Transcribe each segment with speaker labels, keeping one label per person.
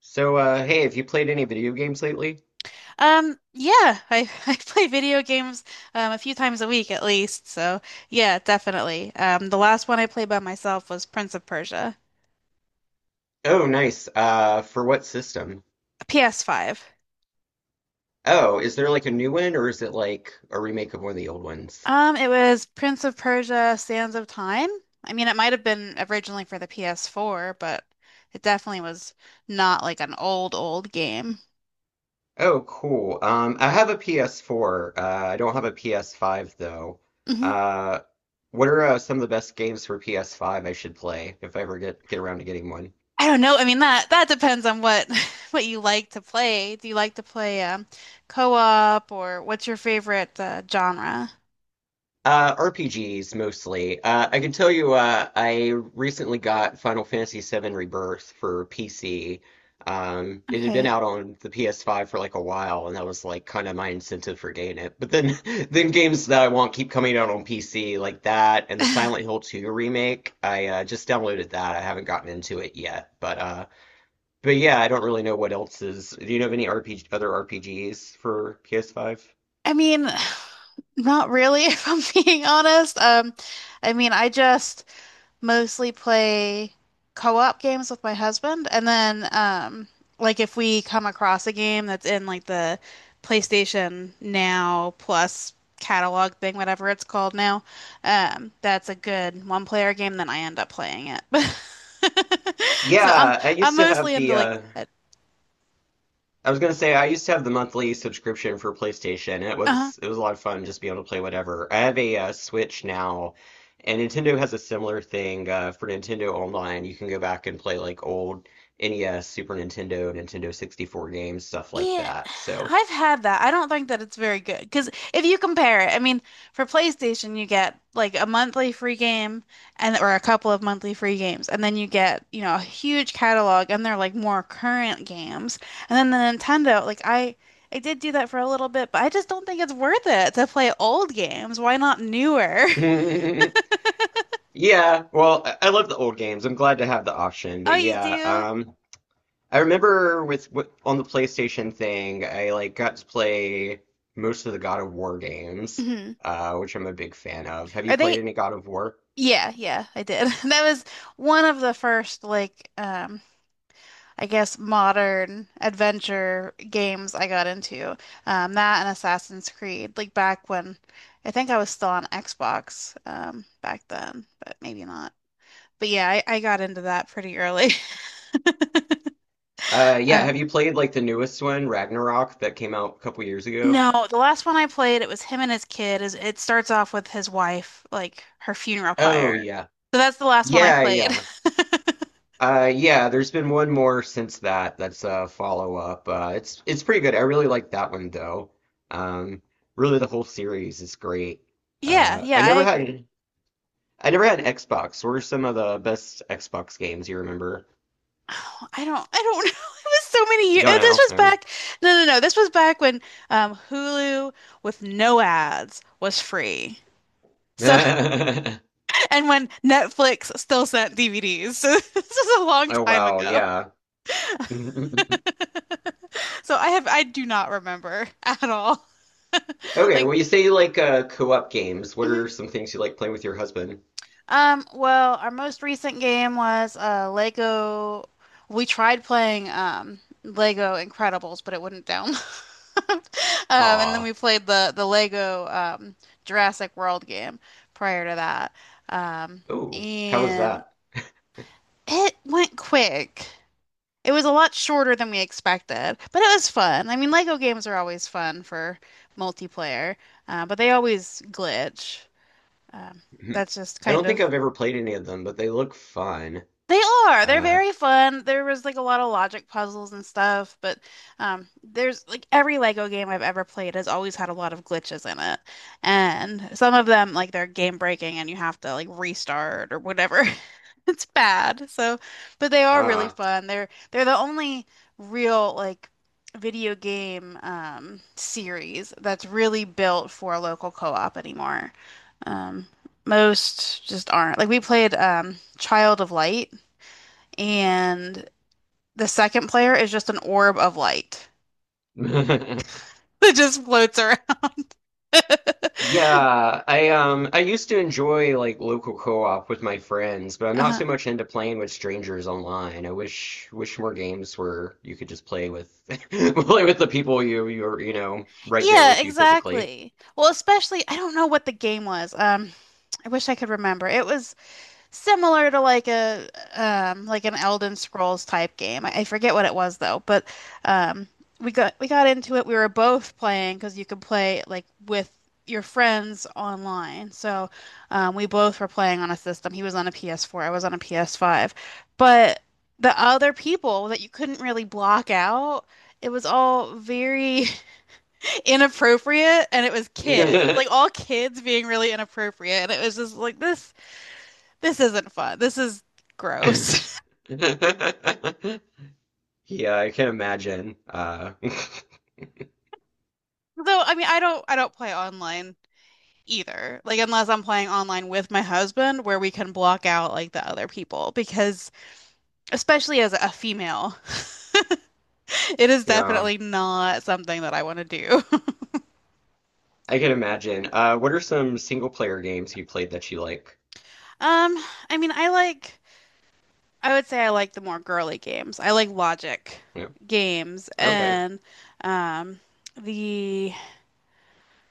Speaker 1: So, hey, have you played any video games lately?
Speaker 2: Yeah, I, I play video games a few times a week at least. So yeah, definitely. The last one I played by myself was Prince of Persia,
Speaker 1: Oh, nice. For what system?
Speaker 2: a PS5.
Speaker 1: Oh, is there like a new one or is it like a remake of one of the old ones?
Speaker 2: It was Prince of Persia: Sands of Time. I mean, it might have been originally for the PS4, but it definitely was not like an old, old game.
Speaker 1: Oh, cool. I have a PS4. I don't have a PS5 though.
Speaker 2: Hmm.
Speaker 1: Uh, what are some of the best games for PS5 I should play if I ever get around to getting one?
Speaker 2: I don't know. I mean, that depends on what what you like to play. Do you like to play co-op or what's your favorite genre?
Speaker 1: RPGs mostly. I can tell you, I recently got Final Fantasy VII Rebirth for PC. It had been
Speaker 2: Okay.
Speaker 1: out on the PS5 for like a while, and that was like kind of my incentive for getting it. But then, then games that I want keep coming out on PC, like that, and the
Speaker 2: I
Speaker 1: Silent Hill 2 remake. I just downloaded that. I haven't gotten into it yet, but yeah, I don't really know what else is. Do you know of any RPG, other RPGs for PS5?
Speaker 2: mean, not really, if I'm being honest. I mean, I just mostly play co-op games with my husband, and then like if we come across a game that's in like the PlayStation Now Plus catalog thing, whatever it's called now, that's a good one-player game, then I end up playing it. So I'm
Speaker 1: Yeah, I
Speaker 2: I'm
Speaker 1: used to have
Speaker 2: mostly into,
Speaker 1: the
Speaker 2: like,
Speaker 1: I was gonna say I used to have the monthly subscription for PlayStation, and it
Speaker 2: uh-huh.
Speaker 1: was a lot of fun just being able to play whatever. I have a Switch now, and Nintendo has a similar thing for Nintendo Online. You can go back and play like old NES, Super Nintendo, Nintendo 64 games, stuff like
Speaker 2: Yeah,
Speaker 1: that. So
Speaker 2: I've had that. I don't think that it's very good because if you compare it, I mean, for PlayStation you get, like a monthly free game and or a couple of monthly free games, and then you get a huge catalog and they're like more current games. And then the Nintendo, like I did do that for a little bit, but I just don't think it's worth it to play old games. Why not newer?
Speaker 1: yeah, well, I love the old games. I'm glad to have the option,
Speaker 2: Oh,
Speaker 1: but
Speaker 2: you
Speaker 1: yeah,
Speaker 2: do?
Speaker 1: I remember on the PlayStation thing, I like got to play most of the God of War games,
Speaker 2: Mhm.
Speaker 1: which I'm a big fan of. Have you
Speaker 2: Are
Speaker 1: played
Speaker 2: they?
Speaker 1: any God of War?
Speaker 2: Yeah, yeah, I did. That was one of the first like I guess modern adventure games I got into. That and Assassin's Creed, like back when I think I was still on Xbox back then, but maybe not. But yeah, I got into that pretty early.
Speaker 1: Yeah.
Speaker 2: Uh,
Speaker 1: Have you played like the newest one, Ragnarok, that came out a couple years ago?
Speaker 2: no, the last one I played, it was him and his kid. Is it starts off with his wife, like her funeral
Speaker 1: Oh
Speaker 2: pyre.
Speaker 1: yeah,
Speaker 2: So that's the last one I
Speaker 1: yeah,
Speaker 2: played.
Speaker 1: yeah. Yeah. There's been one more since that. That's a follow up. It's pretty good. I really like that one though. Um, Really, the whole series is great.
Speaker 2: Yeah,
Speaker 1: Uh,
Speaker 2: yeah,
Speaker 1: I
Speaker 2: I
Speaker 1: never
Speaker 2: agree.
Speaker 1: had. I never had an Xbox. What are some of the best Xbox games you remember?
Speaker 2: Oh, I don't know. It was so many years.
Speaker 1: Don't
Speaker 2: This
Speaker 1: know.
Speaker 2: was
Speaker 1: I don't
Speaker 2: back. No, no, no, this was back when Hulu with no ads was free. So
Speaker 1: know.
Speaker 2: and when Netflix still sent DVDs. So this is a long
Speaker 1: Oh
Speaker 2: time
Speaker 1: wow,
Speaker 2: ago.
Speaker 1: yeah.
Speaker 2: So I do not remember at all.
Speaker 1: Okay,
Speaker 2: Like.
Speaker 1: well you say you like co-op games. What are
Speaker 2: Mhm.
Speaker 1: some things you like playing with your husband?
Speaker 2: Well, our most recent game was Lego. We tried playing Lego Incredibles, but it wouldn't download. And then
Speaker 1: Aw.
Speaker 2: we played the Lego Jurassic World game prior to that. Um,
Speaker 1: Ooh, how was
Speaker 2: and
Speaker 1: that?
Speaker 2: it went quick. It was a lot shorter than we expected, but it was fun. I mean, Lego games are always fun for multiplayer, but they always glitch. Um, that's just
Speaker 1: I don't
Speaker 2: kind
Speaker 1: think
Speaker 2: of.
Speaker 1: I've ever played any of them, but they look fun.
Speaker 2: They are. They're
Speaker 1: Uh,
Speaker 2: very fun. There was like a lot of logic puzzles and stuff, but there's like every Lego game I've ever played has always had a lot of glitches in it. And some of them like they're game breaking and you have to like restart or whatever. It's bad. So, but they are really
Speaker 1: ah.
Speaker 2: fun. They're the only real like video game series that's really built for a local co-op anymore. Um most just aren't. Like we played Child of Light and the second player is just an orb of light that just floats around.
Speaker 1: Yeah, I used to enjoy like local co-op with my friends, but I'm not
Speaker 2: Uh-huh.
Speaker 1: so much into playing with strangers online. I wish more games where you could just play with play with the people you're right there
Speaker 2: Yeah,
Speaker 1: with you physically.
Speaker 2: exactly. Well, especially I don't know what the game was. I wish I could remember. It was similar to like a like an Elden Scrolls type game. I forget what it was though, but um we got into it. We were both playing because you could play like with your friends online. So we both were playing on a system. He was on a PS4, I was on a PS5. But the other people that you couldn't really block out, it was all very inappropriate and it was kids. Like all kids being really inappropriate. And it was just like this isn't fun. This is gross.
Speaker 1: Yeah, I can imagine.
Speaker 2: So, I mean, I don't play online either. Like unless I'm playing online with my husband where we can block out like the other people because especially as a female, it is
Speaker 1: Yeah,
Speaker 2: definitely not something that I want to do.
Speaker 1: I can imagine. What are some single player games you played that you like?
Speaker 2: Um, I mean, I would say I like the more girly games. I like logic
Speaker 1: Yeah.
Speaker 2: games
Speaker 1: Okay.
Speaker 2: and um the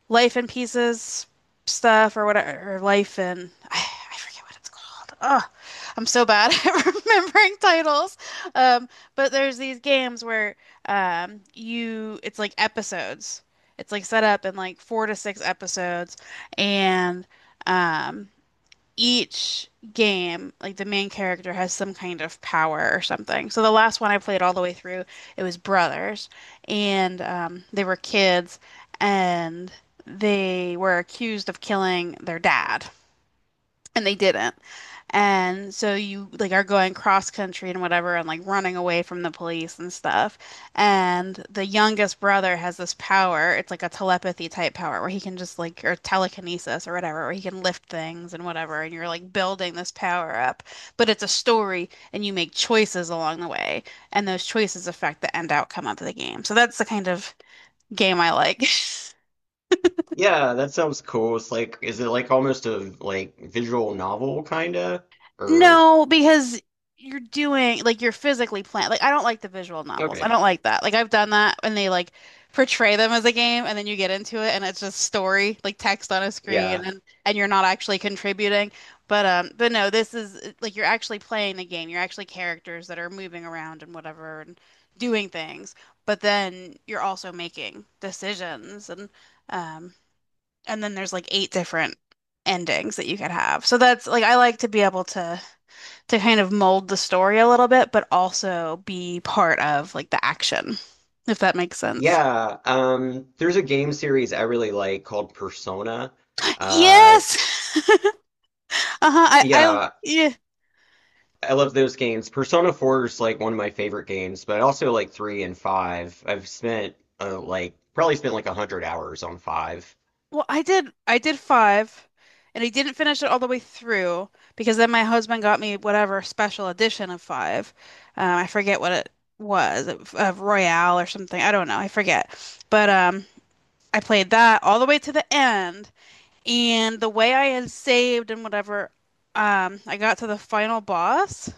Speaker 2: Life in Pieces stuff or whatever, or Life in I forget what it's called. Oh, I'm so bad at remembering titles. Um, but there's these games where you it's like episodes. It's like set up in like four to six episodes, and um, each game, like the main character has some kind of power or something. So the last one I played all the way through, it was brothers, and they were kids, and they were accused of killing their dad and they didn't. And so you like are going cross country and whatever and like running away from the police and stuff. And the youngest brother has this power. It's like a telepathy type power where he can just like or telekinesis or whatever, where he can lift things and whatever and you're like building this power up. But it's a story and you make choices along the way and those choices affect the end outcome of the game. So that's the kind of game I like.
Speaker 1: Yeah, that sounds cool. It's like, is it like almost a like visual novel kinda? Or?
Speaker 2: No, because you're doing like you're physically playing. Like I don't like the visual novels. I
Speaker 1: Okay.
Speaker 2: don't like that. Like I've done that and they like portray them as a game and then you get into it and it's just story, like text on a screen
Speaker 1: Yeah.
Speaker 2: and you're not actually contributing. But no, this is like you're actually playing the game. You're actually characters that are moving around and whatever and doing things. But then you're also making decisions um and then there's like eight different endings that you could have. So that's like I like to be able to kind of mold the story a little bit, but also be part of like the action, if that makes sense.
Speaker 1: Yeah. There's a game series I really like called Persona. Uh,
Speaker 2: Yes. Uh-huh.
Speaker 1: yeah,
Speaker 2: Yeah.
Speaker 1: I love those games. Persona 4 is like one of my favorite games, but I also like 3 and 5. I've spent like probably spent like 100 hours on 5.
Speaker 2: Well, I did five, and I didn't finish it all the way through because then my husband got me whatever special edition of five. I forget what it was, of Royale or something. I don't know. I forget. But I played that all the way to the end. And the way I had saved and whatever, I got to the final boss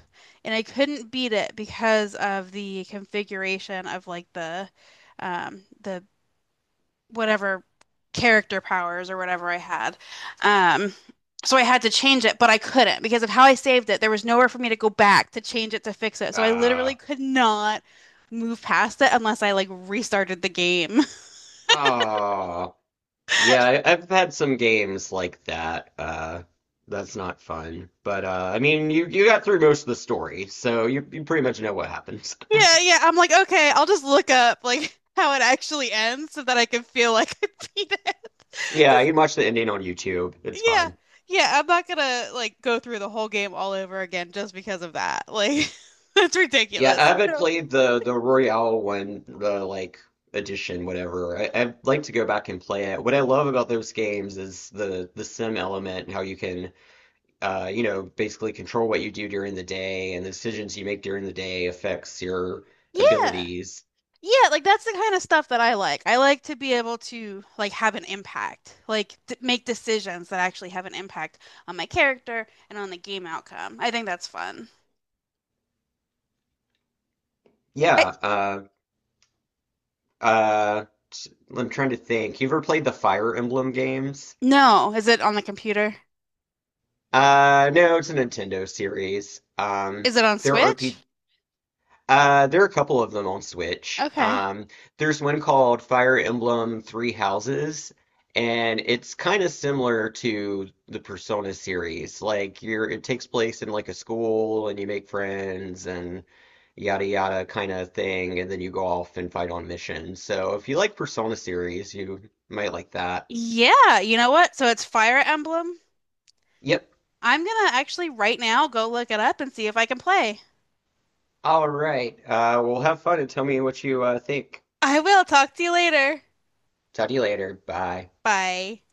Speaker 2: and I couldn't beat it because of the configuration of like the whatever character powers or whatever I had. Um so I had to change it, but I couldn't because of how I saved it. There was nowhere for me to go back to change it to fix it. So I
Speaker 1: Uh,
Speaker 2: literally could not move past it unless I like restarted the game.
Speaker 1: oh. Yeah, I've had some games like that. That's not fun. But I mean, you got through most of the story, so you pretty much know what happens.
Speaker 2: Yeah, yeah. I'm like, okay, I'll just look up like how it actually ends so that I can feel like I beat it.
Speaker 1: Yeah,
Speaker 2: Because
Speaker 1: you can watch the ending on YouTube. It's
Speaker 2: yeah,
Speaker 1: fine.
Speaker 2: yeah, I'm not gonna like go through the whole game all over again just because of that. Like that's
Speaker 1: Yeah, I
Speaker 2: ridiculous.
Speaker 1: haven't
Speaker 2: No.
Speaker 1: played the Royale one, the like edition, whatever. I'd like to go back and play it. What I love about those games is the sim element and how you can basically control what you do during the day and the decisions you make during the day affects your
Speaker 2: Yeah.
Speaker 1: abilities.
Speaker 2: Yeah, like that's the kind of stuff that I like. I like to be able to like have an impact, like d make decisions that actually have an impact on my character and on the game outcome. I think that's fun. I,
Speaker 1: Yeah, Uh, t- I'm trying to think. You ever played the Fire Emblem games?
Speaker 2: no, is it on the computer?
Speaker 1: No, it's a Nintendo series.
Speaker 2: Is it on
Speaker 1: There are
Speaker 2: Switch?
Speaker 1: P there are a couple of them on Switch.
Speaker 2: Okay.
Speaker 1: There's one called Fire Emblem Three Houses, and it's kind of similar to the Persona series. Like you're, it takes place in like a school, and you make friends, and yada yada kind of thing, and then you go off and fight on missions. So if you like Persona series, you might like that.
Speaker 2: Yeah, you know what? So it's Fire Emblem.
Speaker 1: Yep.
Speaker 2: I'm gonna actually right now go look it up and see if I can play.
Speaker 1: All right. Well, have fun and tell me what you think.
Speaker 2: I will talk to you later.
Speaker 1: Talk to you later. Bye.
Speaker 2: Bye.